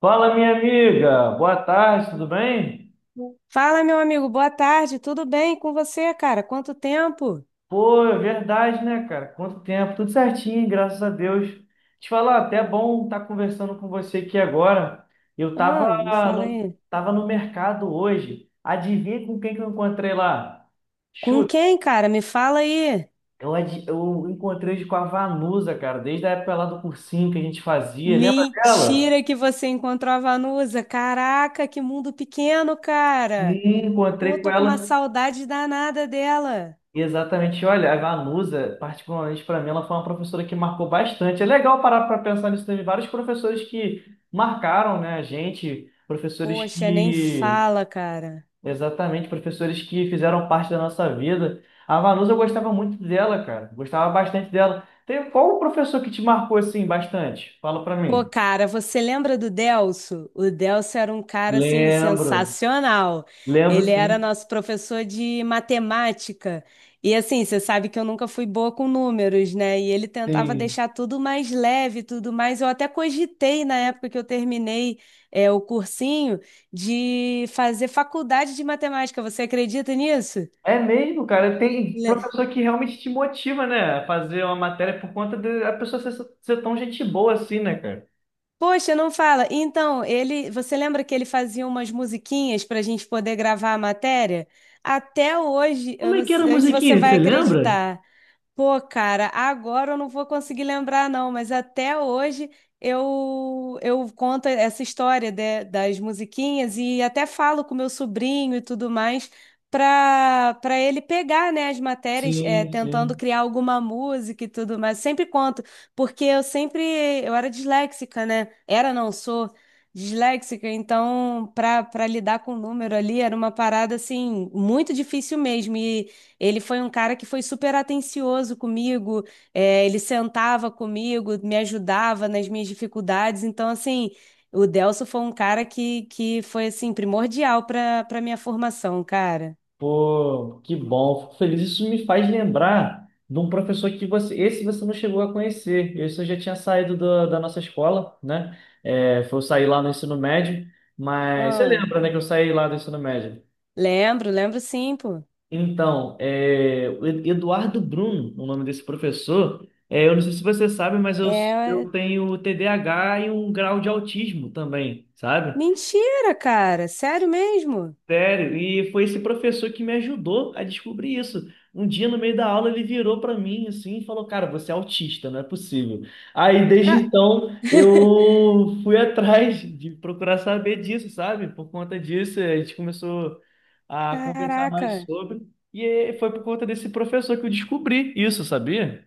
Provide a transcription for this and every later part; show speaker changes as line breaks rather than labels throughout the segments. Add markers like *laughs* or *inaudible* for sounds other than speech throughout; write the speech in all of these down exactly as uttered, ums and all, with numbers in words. Fala, minha amiga. Boa tarde, tudo bem?
Fala, meu amigo, boa tarde, tudo bem com você, cara? Quanto tempo?
Pô, é verdade, né, cara? Quanto tempo? Tudo certinho, graças a Deus. Te falar, até é bom estar conversando com você aqui agora. Eu tava
Ah, me fala
no,
aí.
tava no mercado hoje. Adivinha com quem que eu encontrei lá?
Com
Chuta.
quem, cara? Me fala aí.
Eu, adi- eu encontrei hoje com a Vanusa, cara, desde a época lá do cursinho que a gente fazia. Lembra dela?
Mentira que você encontrou a Vanusa. Caraca, que mundo pequeno,
Sim,
cara. Pô,
encontrei com
tô com uma
ela.
saudade danada dela.
Exatamente, olha, a Vanusa, particularmente para mim, ela foi uma professora que marcou bastante. É legal parar para pensar nisso, teve vários professores que marcaram, né, a gente, professores
Poxa, nem
que,
fala, cara.
exatamente, professores que fizeram parte da nossa vida. A Vanusa, eu gostava muito dela, cara, gostava bastante dela. Tem qual o professor que te marcou assim bastante? Fala para
Pô,
mim.
cara, você lembra do Delso? O Delso era um cara assim
Lembro,
sensacional.
lembro,
Ele era
sim,
nosso professor de matemática. E assim, você sabe que eu nunca fui boa com números, né? E ele tentava
sim.
deixar tudo mais leve, tudo mais. Eu até cogitei na época que eu terminei é, o cursinho de fazer faculdade de matemática. Você acredita nisso?
É mesmo, cara. Tem professor que realmente te motiva, né? A fazer uma matéria por conta da pessoa ser, ser tão gente boa assim, né, cara?
Poxa, não fala. Então, ele, você lembra que ele fazia umas musiquinhas para a gente poder gravar a matéria? Até hoje,
Como
eu
é
não
que era a
sei se você
musiquinha?
vai
Você lembra?
acreditar. Pô, cara, agora eu não vou conseguir lembrar, não, mas até hoje eu eu conto essa história de- das musiquinhas e até falo com meu sobrinho e tudo mais para para ele pegar, né, as matérias, é,
Sim,
tentando
sim.
criar alguma música e tudo mais. Sempre conto, porque eu sempre eu era disléxica, né? Era, não sou disléxica, então para para lidar com o número ali era uma parada assim muito difícil mesmo. E ele foi um cara que foi super atencioso comigo, é, ele sentava comigo, me ajudava nas minhas dificuldades. Então, assim, o Delso foi um cara que, que foi, assim, primordial para para minha formação, cara.
Pô, que bom. Fico feliz. Isso me faz lembrar de um professor que você. Esse você não chegou a conhecer. Esse eu já tinha saído da, da nossa escola, né? É, foi eu sair lá no ensino médio. Mas você
Ah,
lembra, né, que eu saí lá do ensino médio?
lembro, lembro sim, pô.
Então, é, o Ed- Eduardo Bruno, o nome desse professor, é, eu não sei se você sabe, mas eu, eu
É,
tenho T D A H e um grau de autismo também, sabe?
mentira, cara, sério mesmo?
Sério, e foi esse professor que me ajudou a descobrir isso. Um dia, no meio da aula, ele virou para mim assim e falou: Cara, você é autista, não é possível. Aí, desde
Ah,
então,
*laughs*
eu fui *laughs* atrás de procurar saber disso, sabe? Por conta disso, a gente começou a conversar mais
caraca.
sobre. E foi por conta desse professor que eu descobri isso, sabia?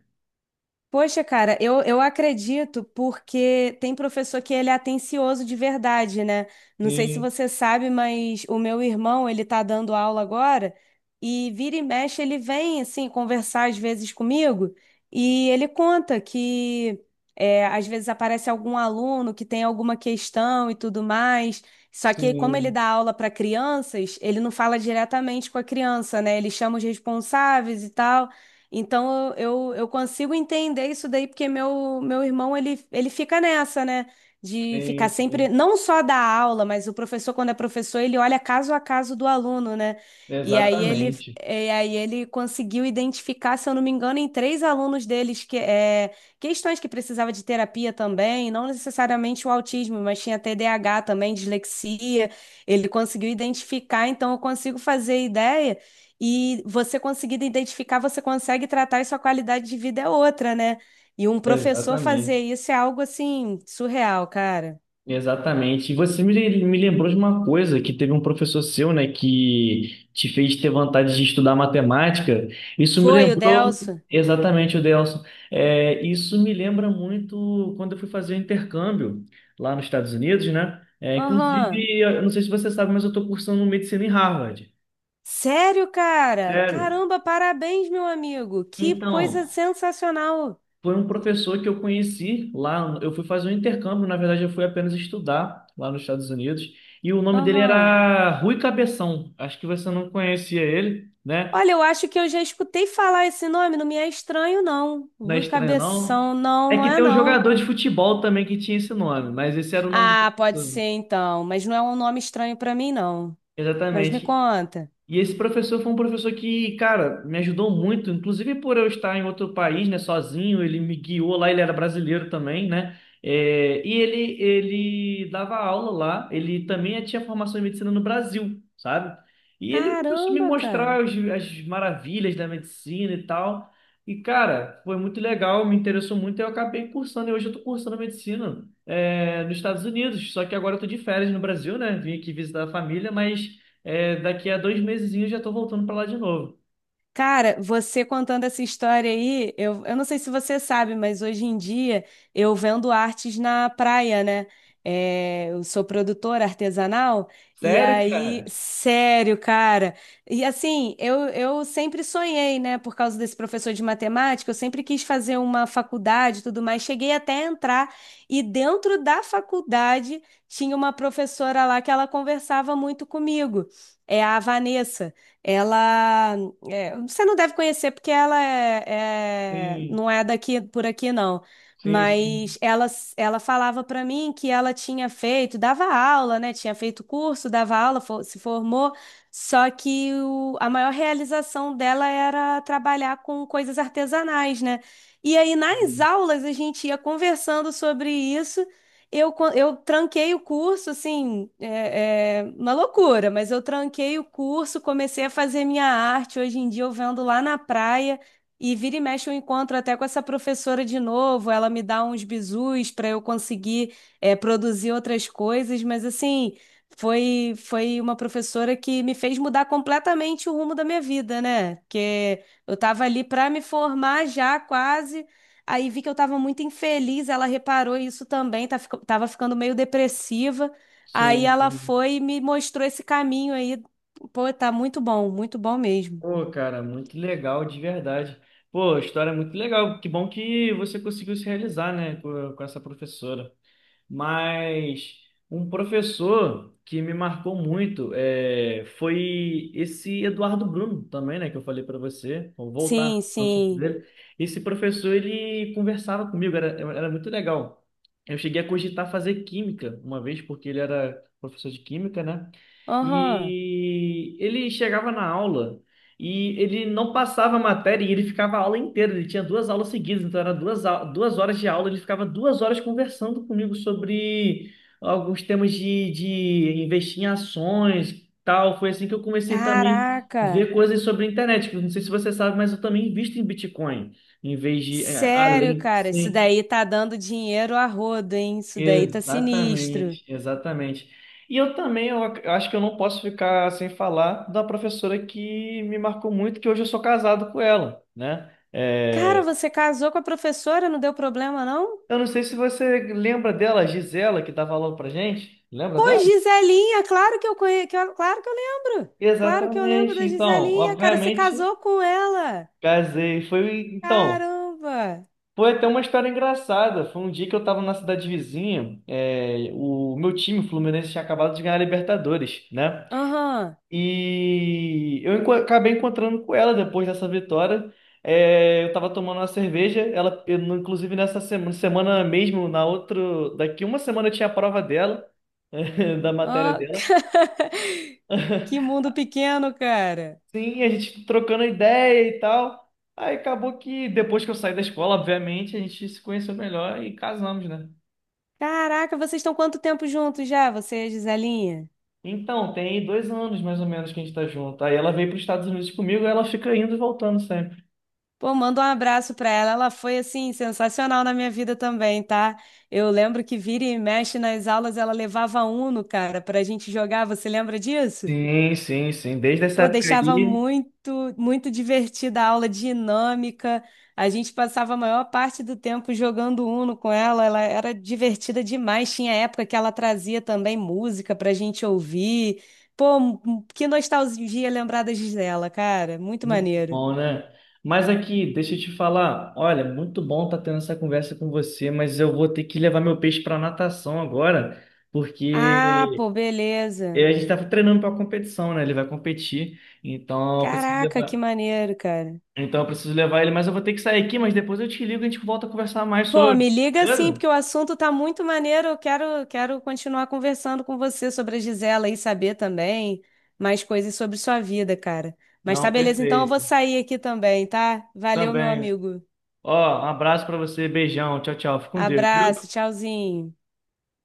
Poxa, cara, eu, eu acredito porque tem professor que ele é atencioso de verdade, né? Não sei se
Sim,
você sabe, mas o meu irmão, ele tá dando aula agora e vira e mexe, ele vem, assim, conversar às vezes comigo e ele conta que é, às vezes aparece algum aluno que tem alguma questão e tudo mais. Só que como ele
sim,
dá aula para crianças, ele não fala diretamente com a criança, né? Ele chama os responsáveis e tal. Então eu, eu eu consigo entender isso daí, porque meu, meu irmão ele, ele fica nessa, né? De ficar
sim,
sempre,
sim.
não só da aula, mas o professor, quando é professor, ele olha caso a caso do aluno, né? E aí ele,
Exatamente,
e aí ele conseguiu identificar, se eu não me engano, em três alunos deles que é, questões que precisava de terapia também, não necessariamente o autismo, mas tinha T D A H também, dislexia. Ele conseguiu identificar, então eu consigo fazer ideia. E você conseguindo identificar, você consegue tratar e sua qualidade de vida é outra, né? E um professor fazer
exatamente.
isso é algo assim, surreal, cara.
Exatamente. E você me, me lembrou de uma coisa que teve um professor seu, né, que te fez ter vontade de estudar matemática. Isso me
Foi o
lembrou
Delso?
exatamente o Delson. É, isso me lembra muito quando eu fui fazer o intercâmbio lá nos Estados Unidos, né? É,
Aham.
inclusive, eu não sei se você sabe, mas eu estou cursando medicina em Harvard.
Sério, cara?
Sério?
Caramba, parabéns, meu amigo. Que
Então,
coisa sensacional.
foi um professor que eu conheci lá. Eu fui fazer um intercâmbio, na verdade, eu fui apenas estudar lá nos Estados Unidos. E o nome dele
Aham.
era Rui Cabeção. Acho que você não conhecia ele, né?
Olha, eu acho que eu já escutei falar esse nome, não me é estranho, não.
Não é
Rui
estranho, não.
Cabeção, não,
É
não
que
é
tem um
não.
jogador de futebol também que tinha esse nome, mas esse era o nome do
Ah, pode ser
professor.
então, mas não é um nome estranho pra mim, não. Mas me
Exatamente.
conta.
E esse professor foi um professor que, cara, me ajudou muito, inclusive por eu estar em outro país, né, sozinho, ele me guiou lá, ele era brasileiro também, né? É, e ele, ele dava aula lá, ele também tinha formação em medicina no Brasil, sabe? E ele começou a me
Caramba, cara.
mostrar os- as maravilhas da medicina e tal. E, cara, foi muito legal, me interessou muito, e eu acabei cursando, e hoje eu tô cursando medicina, é, nos Estados Unidos, só que agora eu tô de férias no Brasil, né? Vim aqui visitar a família, mas. É, daqui a dois meses eu já tô voltando pra lá de novo.
Cara, você contando essa história aí, eu, eu não sei se você sabe, mas hoje em dia eu vendo artes na praia, né? É, eu sou produtora artesanal, e
Sério,
aí,
cara?
sério, cara. E assim, eu, eu sempre sonhei, né? Por causa desse professor de matemática, eu sempre quis fazer uma faculdade e tudo mais. Cheguei até a entrar, e dentro da faculdade tinha uma professora lá que ela conversava muito comigo, é a Vanessa. Ela. É, você não deve conhecer porque ela é, é-
Sim,
não é daqui por aqui não,
sim, sim.
mas ela ela falava para mim que ela tinha feito, dava aula, né? Tinha feito curso, dava aula, fo- se formou, só que o- a maior realização dela era trabalhar com coisas artesanais, né? E aí nas
Sim,
aulas a gente ia conversando sobre isso eu, quan- eu tranquei o curso, assim, é, é uma loucura, mas eu tranquei o curso, comecei a fazer minha arte. Hoje em dia eu vendo lá na praia e vira e mexe eu encontro até com essa professora de novo. Ela me dá uns bizus para eu conseguir, é, produzir outras coisas, mas assim, foi, foi uma professora que me fez mudar completamente o rumo da minha vida, né? Porque eu estava ali para me formar já quase. Aí vi que eu tava muito infeliz, ela reparou isso também, tá, fico- tava ficando meio depressiva. Aí
sim,
ela
sim.
foi e me mostrou esse caminho aí. Pô, tá muito bom, muito bom mesmo.
Pô, cara, muito legal, de verdade. Pô, a história é muito legal. Que bom que você conseguiu se realizar, né, com, com essa professora. Mas um professor que me marcou muito é, foi esse Eduardo Bruno também, né? Que eu falei para você. Vou voltar
Sim,
no assunto
sim.
dele. Esse professor, ele conversava comigo, era, era muito legal. Eu cheguei a cogitar fazer química uma vez, porque ele era professor de química, né?
Aham.
E ele chegava na aula e ele não passava a matéria e ele ficava a aula inteira. Ele tinha duas aulas seguidas, então era duas, au- duas horas de aula. Ele ficava duas horas conversando comigo sobre alguns temas de, de investir em ações, tal. Foi assim que eu comecei também a ver
Caraca.
coisas sobre a internet, que eu Não sei se você sabe, mas eu também invisto em Bitcoin, em vez de é,
Sério,
além,
cara, isso
sim.
daí tá dando dinheiro a rodo, hein? Isso daí tá sinistro.
Exatamente, exatamente. E eu também, eu ac- eu acho que eu não posso ficar sem falar da professora que me marcou muito, que hoje eu sou casado com ela, né?
Cara,
É,
você casou com a professora, não deu problema, não?
eu não sei se você lembra dela, a Gisela, que dava aula pra gente. Lembra
Pô,
dela?
Giselinha, claro que eu conheço, claro que eu lembro. Claro que eu lembro
Exatamente.
da
Então,
Giselinha, cara, você
obviamente,
casou com ela.
casei. Foi, então,
Caramba!
foi até uma história engraçada. Foi um dia que eu estava na cidade vizinha, é, o meu time, o Fluminense, tinha acabado de ganhar a Libertadores, né?
Aham.
E eu enco- acabei encontrando com ela depois dessa vitória. É, eu tava tomando uma cerveja. Ela, eu não- inclusive nessa semana, semana mesmo, na outra, daqui uma semana eu tinha a prova dela, *laughs* da matéria
Ó,
dela.
*laughs* Que mundo pequeno, cara.
Sim, a gente trocando ideia e tal. Aí acabou que depois que eu saí da escola, obviamente, a gente se conheceu melhor e casamos, né?
Caraca, vocês estão quanto tempo juntos já, você e a Giselinha?
Então, tem dois anos mais ou menos que a gente tá junto. Aí ela veio para os Estados Unidos comigo, ela fica indo e voltando sempre.
Pô, manda um abraço pra ela. Ela foi, assim, sensacional na minha vida também, tá? Eu lembro que vira e mexe nas aulas, ela levava Uno, cara, pra gente jogar. Você lembra disso?
Sim, sim, sim. Desde essa
Pô,
época
deixava
aí.
muito, muito divertida a aula dinâmica. A gente passava a maior parte do tempo jogando Uno com ela. Ela era divertida demais. Tinha época que ela trazia também música pra gente ouvir. Pô, m- que nostalgia lembrar das dela, cara. Muito
Muito
maneiro.
bom, né? Mas aqui, deixa eu te falar. Olha, muito bom estar tendo essa conversa com você, mas eu vou ter que levar meu peixe para natação agora,
Ah,
porque
pô,
eh,
beleza.
a gente estava treinando para a competição, né? Ele vai competir, então eu preciso
Caraca, que
levar,
maneiro, cara.
então eu preciso levar ele, mas eu vou ter que sair aqui, mas depois eu te ligo e a gente volta a conversar mais
Pô,
sobre,
me liga sim, porque
beleza?
o assunto tá muito maneiro. Eu quero, quero continuar conversando com você sobre a Gisela e saber também mais coisas sobre sua vida, cara. Mas tá
Não,
beleza, então eu vou
perfeito.
sair aqui também, tá? Valeu, meu
Também.
amigo.
Ó, um abraço para você, beijão, tchau, tchau. Fica com Deus, viu?
Abraço, tchauzinho.